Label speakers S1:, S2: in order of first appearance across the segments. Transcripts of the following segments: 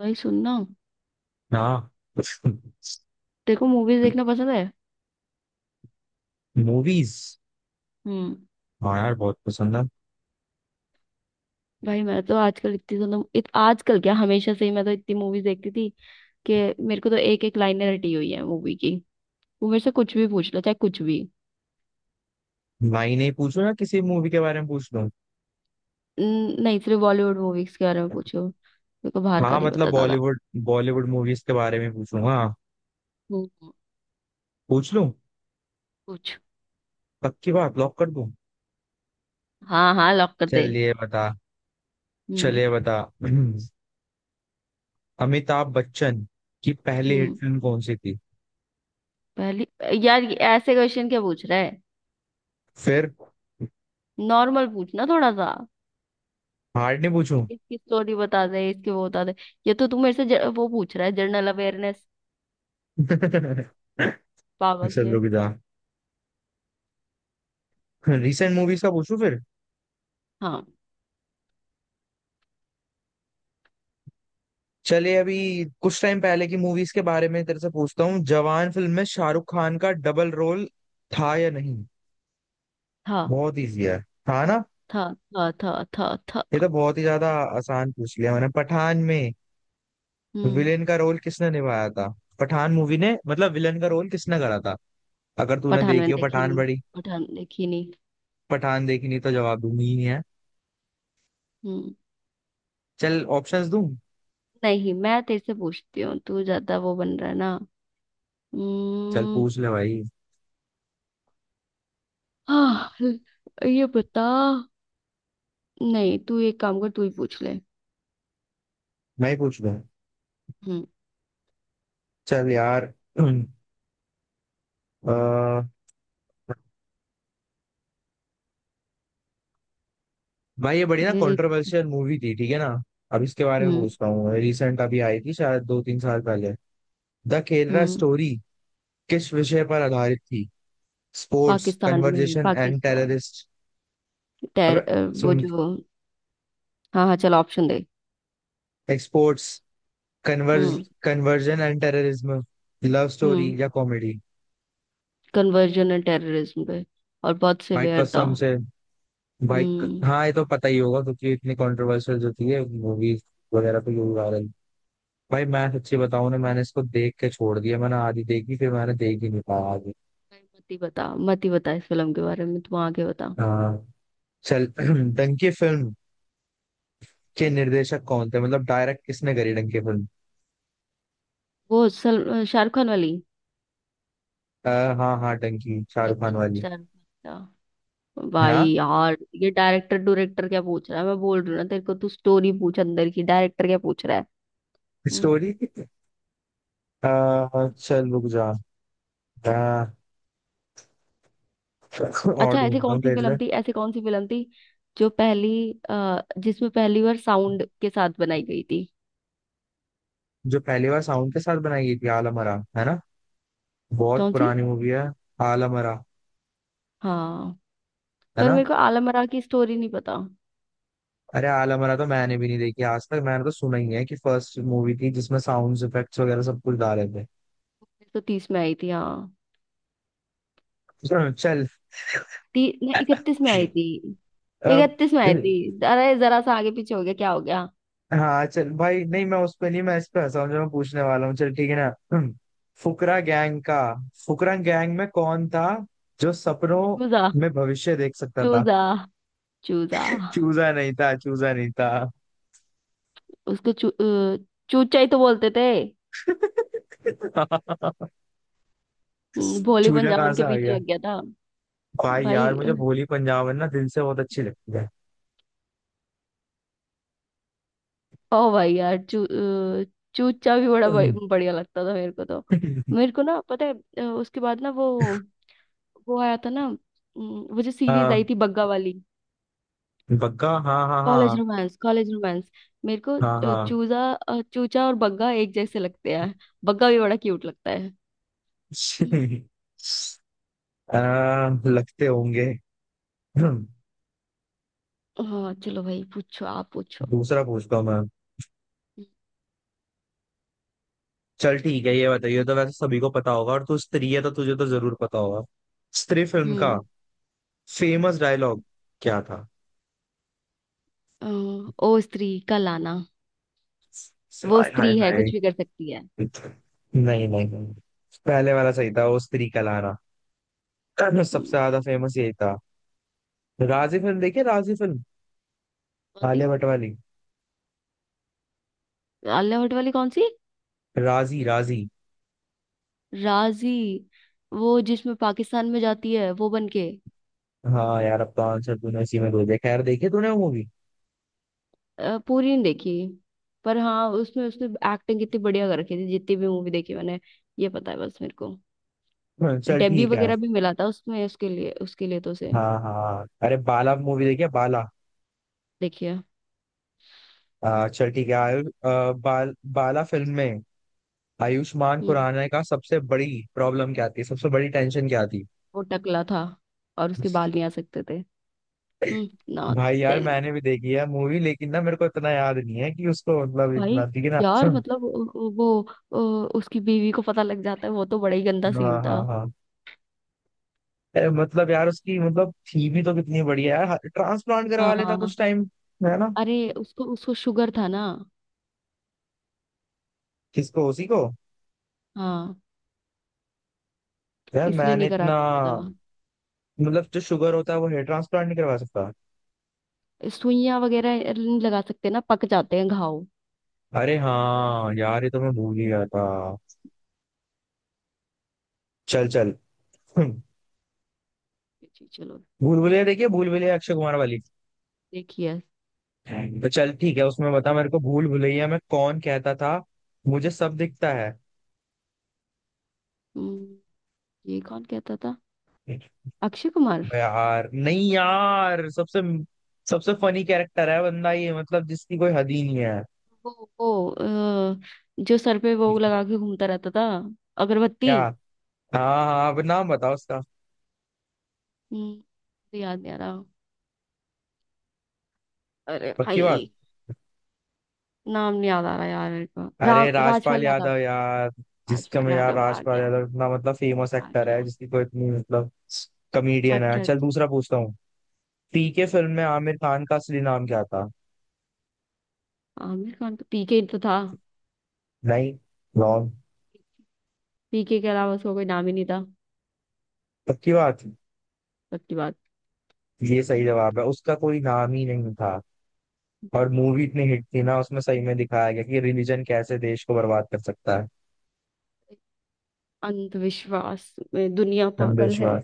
S1: भाई सुनना।
S2: हाँ।
S1: तेरे को मूवीज देखना पसंद है?
S2: मूवीज?
S1: हम्म।
S2: हाँ यार, बहुत पसंद है।
S1: भाई मैं तो आजकल इतनी ज्यादा आजकल क्या हमेशा से ही मैं तो इतनी मूवीज देखती थी कि मेरे को तो एक एक लाइनें रटी हुई है मूवी की। वो मेरे से कुछ भी पूछ लो, चाहे कुछ भी।
S2: नहीं नहीं, पूछो या किसी मूवी के बारे में पूछ लूं?
S1: नहीं, सिर्फ बॉलीवुड मूवीज के बारे में पूछो, मेरे को बाहर का
S2: हाँ,
S1: नहीं
S2: मतलब
S1: पता दादा।
S2: बॉलीवुड बॉलीवुड मूवीज के बारे में पूछूं? हाँ,
S1: हम्म।
S2: पूछ लूं?
S1: पूछ।
S2: पक्की बात, लॉक कर दूं।
S1: हाँ हाँ, लॉक कर दे।
S2: चलिए बता।
S1: हम्म।
S2: चलिए बता। अमिताभ बच्चन की पहली हिट
S1: हम्म।
S2: फिल्म कौन सी थी?
S1: पहली। यार ये ऐसे क्वेश्चन क्या पूछ रहा है?
S2: फिर
S1: नॉर्मल पूछना थोड़ा सा।
S2: हार्ड नहीं पूछूं?
S1: इसकी स्टोरी बता दे, इसके वो बता दे। ये तो तू मेरे से वो पूछ रहा है जनरल अवेयरनेस।
S2: चलो,
S1: पागल से।
S2: रुक जा। रिसेंट मूवीज का पूछूं फिर।
S1: हाँ।
S2: चलिए, अभी कुछ टाइम पहले की मूवीज के बारे में तेरे से पूछता हूँ। जवान फिल्म में शाहरुख खान का डबल रोल था या नहीं?
S1: था
S2: बहुत इजी है। था ना?
S1: था। था
S2: ये
S1: था।
S2: तो बहुत ही ज्यादा आसान पूछ लिया मैंने। पठान में
S1: हम्म।
S2: विलेन का रोल किसने निभाया था? पठान मूवी ने, मतलब विलेन का रोल किसने करा था, अगर तूने
S1: पठान
S2: देखी
S1: मैंने
S2: हो
S1: देखी
S2: पठान?
S1: नहीं।
S2: बड़ी।
S1: पठान देखी नहीं।
S2: पठान देखी नहीं तो जवाब दूंगी ही नहीं है।
S1: हम्म।
S2: चल, ऑप्शंस दूं?
S1: नहीं, मैं तेरे से पूछती हूँ, तू ज्यादा वो बन रहा है ना।
S2: चल
S1: हम्म।
S2: पूछ ले भाई।
S1: हाँ। ये बता। नहीं, तू एक काम कर, तू ही पूछ ले।
S2: मैं ही पूछ लूं?
S1: हम्म।
S2: चल यार। अ, भाई ये बड़ी ना
S1: ले ले।
S2: कंट्रोवर्शियल मूवी थी, ठीक है ना? अब इसके बारे में
S1: हम्म।
S2: पूछता हूँ, रिसेंट अभी आई थी, शायद दो तीन साल पहले। The Kerala
S1: hmm.
S2: स्टोरी किस विषय पर आधारित थी? स्पोर्ट्स,
S1: पाकिस्तान में,
S2: कन्वर्जेशन एंड
S1: पाकिस्तान।
S2: टेररिस्ट?
S1: टेर
S2: अबे
S1: अ, वो
S2: सुन।
S1: जो। हाँ हाँ, चल ऑप्शन दे।
S2: Exports, converge
S1: hmm.
S2: Conversion and terrorism, love story
S1: hmm.
S2: या कॉमेडी?
S1: कन्वर्जन एंड टेररिज्म पे। और बहुत
S2: भाई
S1: सिवियर था।
S2: कसम से,
S1: हम्म।
S2: हाँ ये तो पता ही होगा क्योंकि इतनी कंट्रोवर्शियल जो थी मूवीज वगैरह पे यूज आ रही। भाई मैं सच्ची बताऊं ना, मैंने इसको देख के छोड़ दिया, मैंने आधी देखी, फिर मैंने देख ही नहीं पाया।
S1: नहीं, मत ही बता, मत ही बता इस फिल्म के बारे में, तू आगे बता।
S2: हाँ चल।
S1: हम्म,
S2: डंकी फिल्म के निर्देशक कौन थे, मतलब डायरेक्ट किसने करी डंकी फिल्म?
S1: वो सल शाहरुख खान वाली।
S2: हाँ हाँ, डंकी
S1: थैंक।
S2: शाहरुख खान वाली,
S1: शाहरुख खान का।
S2: है ना?
S1: भाई यार ये डायरेक्टर डायरेक्टर क्या पूछ रहा है? मैं बोल रही हूँ ना तेरे को, तू स्टोरी पूछ अंदर की, डायरेक्टर क्या पूछ रहा है। हम्म।
S2: स्टोरी। आ, चल रुक जा। आ, और
S1: अच्छा, ऐसी
S2: ढूंढता
S1: कौन
S2: हूँ
S1: सी
S2: तेरे लिए।
S1: फिल्म थी, ऐसी कौन सी फिल्म थी जो पहली, जिसमें पहली बार साउंड के साथ बनाई गई थी।
S2: जो पहली बार साउंड के साथ बनाई गई थी, आलमरा, है ना? बहुत
S1: कौन सी?
S2: पुरानी मूवी है। आलमरा।
S1: हाँ।
S2: है
S1: पर
S2: ना?
S1: मेरे को आलम आरा की स्टोरी नहीं पता।
S2: अरे आलमरा तो मैंने भी नहीं देखी आज तक, मैंने तो सुना ही है कि फर्स्ट मूवी थी जिसमें साउंड इफेक्ट्स वगैरह सब कुछ डाले थे।
S1: 1930 में आई थी, हाँ।
S2: चल,
S1: नहीं, इकतीस में आई थी।
S2: अब
S1: इकतीस में आई थी। अरे जरा सा आगे पीछे हो गया, क्या हो गया।
S2: हाँ चल भाई, नहीं मैं उस पे नहीं, मैं इस पे हंसा हूँ जो मैं पूछने वाला हूँ। चल ठीक है ना। हम्म, फुकरा गैंग का, फुकरा गैंग में कौन था जो सपनों
S1: चूजा।
S2: में भविष्य देख सकता था?
S1: चूजा। चूजा।
S2: चूजा नहीं था, चूजा नहीं था।
S1: उसको चूचा ही तो बोलते थे। भोली
S2: चूजा कहाँ
S1: पंजाबन
S2: से
S1: के
S2: आ
S1: पीछे
S2: गया?
S1: लग गया था।
S2: भाई यार,
S1: भाई
S2: मुझे
S1: अ,
S2: भोली पंजाबन ना दिल से बहुत अच्छी लगती है।
S1: ओ भाई यार चूचा भी बड़ा बढ़िया लगता था मेरे को तो। मेरे को ना पता है, उसके बाद ना वो आया था ना, वो जो सीरीज
S2: हाँ,
S1: आई थी बग्गा वाली।
S2: बग्गा, हाँ हाँ
S1: कॉलेज
S2: हाँ।
S1: Romance, college romance. मेरे को
S2: हाँ हाँ।
S1: चूजा, चूचा और बग्गा एक जैसे लगते हैं। बग्गा भी बड़ा क्यूट लगता है। हम्म।
S2: लगते होंगे।
S1: हाँ, चलो भाई पूछो, आप पूछो।
S2: दूसरा पूछता हूँ मैं। चल ठीक है, ये बताइए तो, वैसे सभी को पता होगा, और तू स्त्री है तो तुझे तो जरूर पता होगा। स्त्री फिल्म का
S1: हम्म।
S2: फेमस डायलॉग क्या था?
S1: अ, ओ स्त्री का लाना, वो
S2: हाय हाय
S1: स्त्री है
S2: हाय।
S1: कुछ भी कर सकती है।
S2: नहीं। नहीं नहीं, पहले वाला सही था, वो स्त्री का लाना। सबसे
S1: हम्म।
S2: ज्यादा फेमस यही था। राजी फिल्म देखिए, राजी फिल्म।
S1: कौन सी?
S2: आलिया भट्ट वाली।
S1: आलिया भट्ट वाली कौन सी?
S2: राजी, राजी।
S1: राजी। वो जिसमें पाकिस्तान में जाती है वो बन के।
S2: हाँ यार, अब तो आंसर तूने इसी में दे दिया, खैर देखी तूने वो मूवी?
S1: पूरी नहीं देखी, पर हाँ उसमें उसने एक्टिंग कितनी बढ़िया कर रखी थी, जितनी भी मूवी देखी मैंने, ये पता है बस मेरे को।
S2: चल
S1: डेब्यू
S2: ठीक है।
S1: वगैरह भी मिला था उसमें उसके लिए, उसके लिए तो उसे।
S2: हाँ हाँ, अरे बाला मूवी देखी है, बाला?
S1: देखिए।
S2: चल ठीक है। आ, आ, बाल, बाला फिल्म में आयुष्मान
S1: हम्म।
S2: खुराना का सबसे बड़ी प्रॉब्लम क्या थी, सबसे बड़ी टेंशन क्या थी?
S1: वो टकला था और उसके बाल नहीं आ सकते थे। हम्म,
S2: भाई यार
S1: नॉनसेंस।
S2: मैंने भी देखी है मूवी, लेकिन ना मेरे को इतना याद नहीं है कि उसको मतलब इतना,
S1: भाई
S2: ठीक है ना?
S1: यार मतलब वो, उसकी बीवी को पता लग जाता है, वो तो बड़ा ही गंदा
S2: हाँ
S1: सीन था।
S2: हाँ हाँ। अरे मतलब यार, उसकी मतलब थी भी तो कितनी बढ़िया यार, ट्रांसप्लांट करवा लेता
S1: हाँ।
S2: कुछ टाइम, है ना?
S1: अरे उसको, उसको शुगर था ना।
S2: किसको, उसी को?
S1: हाँ।
S2: यार
S1: इसलिए
S2: मैंने
S1: नहीं करा
S2: इतना,
S1: सकता।
S2: मतलब जो शुगर होता है वो हेयर ट्रांसप्लांट नहीं करवा सकता?
S1: था, सुइयां वगैरह नहीं लगा सकते ना, पक जाते हैं घाव।
S2: अरे हाँ यार, ये तो मैं भूल ही गया था। चल चल
S1: जी, चलो।
S2: भूल भुलैया देखिए, भूल भुलैया अक्षय कुमार वाली।
S1: देखिए।
S2: हम्म। तो चल ठीक है, उसमें बता मेरे को, भूल भुलैया में कौन कहता था मुझे सब दिखता है?
S1: हम्म, ये कौन कहता था? अक्षय कुमार।
S2: यार नहीं यार, सबसे सबसे फनी कैरेक्टर है बंदा ये, मतलब जिसकी कोई हद ही नहीं है।
S1: वो जो सर पे वो लगा के घूमता रहता था, अगरबत्ती।
S2: क्या? हाँ हाँ, अब नाम बताओ उसका।
S1: हम्म, तो याद नहीं आ रहा। अरे
S2: पक्की बात।
S1: भाई। नाम नहीं याद आ रहा यार मेरे को,
S2: अरे राजपाल
S1: राजपाल यादव।
S2: यादव यार, जिसका
S1: राजपाल
S2: मैं यार,
S1: यादव आ
S2: राजपाल
S1: गया,
S2: यादव इतना मतलब फेमस
S1: आ
S2: एक्टर है,
S1: गया।
S2: जिसकी कोई इतनी मतलब,
S1: अच्छा
S2: कॉमेडियन है।
S1: अच्छा।
S2: चल दूसरा पूछता हूँ। पीके फिल्म में आमिर खान का असली नाम क्या था?
S1: आमिर खान तो पीके तो था।
S2: नहीं, रॉन्ग।
S1: पीके के अलावा उसका कोई नाम ही नहीं था।
S2: पक्की बात।
S1: सच्ची बात।
S2: ये सही जवाब है, उसका कोई नाम ही नहीं था। और मूवी इतनी हिट थी ना, उसमें सही में दिखाया गया कि रिलीजन कैसे देश को बर्बाद कर सकता है।
S1: अंधविश्वास में दुनिया पागल है।
S2: अंधविश्वास।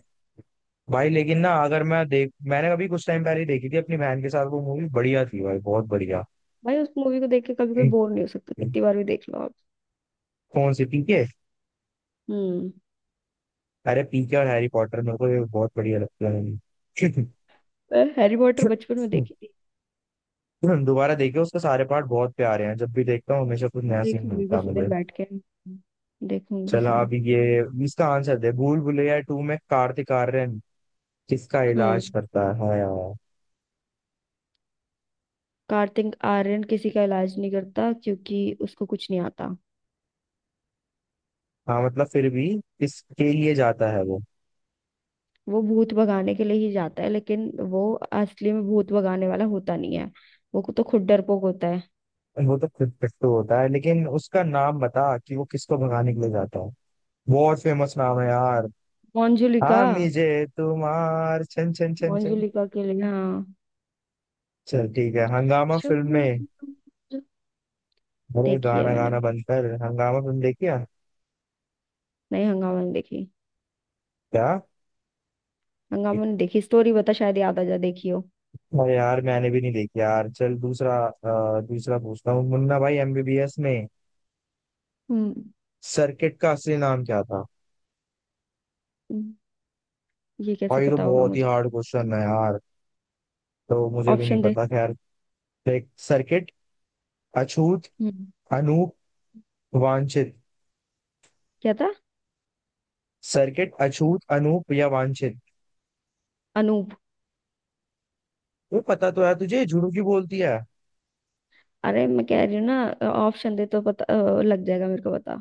S2: भाई लेकिन ना, अगर मैं देख, मैंने अभी कुछ टाइम पहले ही देखी थी अपनी बहन के साथ वो मूवी, बढ़िया थी भाई, बहुत बढ़िया।
S1: भाई उस मूवी को देख के कभी कोई बोर नहीं हो सकता, कितनी बार भी देख लो आप।
S2: कौन सी, पीके?
S1: हम्म।
S2: अरे पीके और हैरी पॉटर, मेरे को ये बहुत बढ़िया लगता है।
S1: मैं हैरी पॉटर बचपन में देखी।
S2: दोबारा देखे उसके सारे पार्ट, बहुत प्यारे हैं, जब भी देखता हूँ हमेशा कुछ नया सीन
S1: देखूंगी
S2: मिलता है
S1: किसी
S2: मुझे।
S1: दिन बैठ के। देखूंगी
S2: चलो
S1: किसी दिन।
S2: अब ये, इसका आंसर दे, भूल भुलैया टू में कार्तिक आर्यन किसका
S1: हम्म।
S2: इलाज करता है?
S1: कार्तिक आर्यन किसी का इलाज नहीं करता क्योंकि उसको कुछ नहीं आता।
S2: हाँ मतलब फिर भी, किसके लिए जाता है वो?
S1: वो भूत भगाने के लिए ही जाता है, लेकिन वो असली में भूत भगाने वाला होता नहीं है, वो तो खुद डरपोक होता है।
S2: वो तो फिर पिट्टू होता है, लेकिन उसका नाम बता कि वो किसको भगाने के लिए जाता है? बहुत फेमस नाम है यार।
S1: मंजुलिका।
S2: हाँ, मुझे तुम्हार छन छन छन छन।
S1: मंजुलिका के लिए, हाँ।
S2: चल ठीक है, हंगामा
S1: शुभ।
S2: फिल्म में। अरे
S1: देखी है
S2: गाना
S1: मैंने।
S2: गाना बंद कर, हंगामा फिल्म देखी है?
S1: नहीं, हंगामा नहीं देखी।
S2: क्या?
S1: हंगामा नहीं देखी, स्टोरी बता, शायद याद आ जा, देखी हो।
S2: अरे यार मैंने भी नहीं देखी यार, चल दूसरा पूछता हूँ। मुन्ना भाई एमबीबीएस में
S1: हम्म।
S2: सर्किट का असली नाम क्या था?
S1: हम्म, ये कैसे
S2: और ये तो
S1: पता होगा
S2: बहुत ही
S1: मुझे?
S2: हार्ड क्वेश्चन है यार, तो मुझे भी नहीं
S1: ऑप्शन दे।
S2: पता, खैर। देख, सर्किट, अछूत,
S1: हम्म।
S2: अनूप, वांछित।
S1: क्या था?
S2: सर्किट, अछूत, अनूप या वांछित?
S1: अनूप।
S2: ये पता तो यार तुझे झुड़ू की बोलती है।
S1: अरे मैं कह रही हूँ ना, ऑप्शन दे तो पता लग जाएगा मेरे को, पता।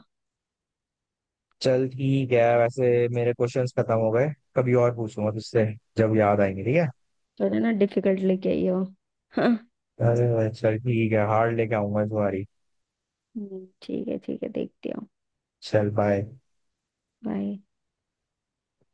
S2: चल ठीक है, वैसे मेरे क्वेश्चंस खत्म हो गए। कभी और पूछूंगा तुझसे, जब याद आएंगे, ठीक है?
S1: थोड़ा ना डिफिकल्ट लेके आई हो। हाँ।
S2: अरे भाई, चल ठीक है, हार्ड लेके आऊंगा इस बारी।
S1: ठीक है ठीक है, देखती हूँ।
S2: चल बाय।
S1: बाय।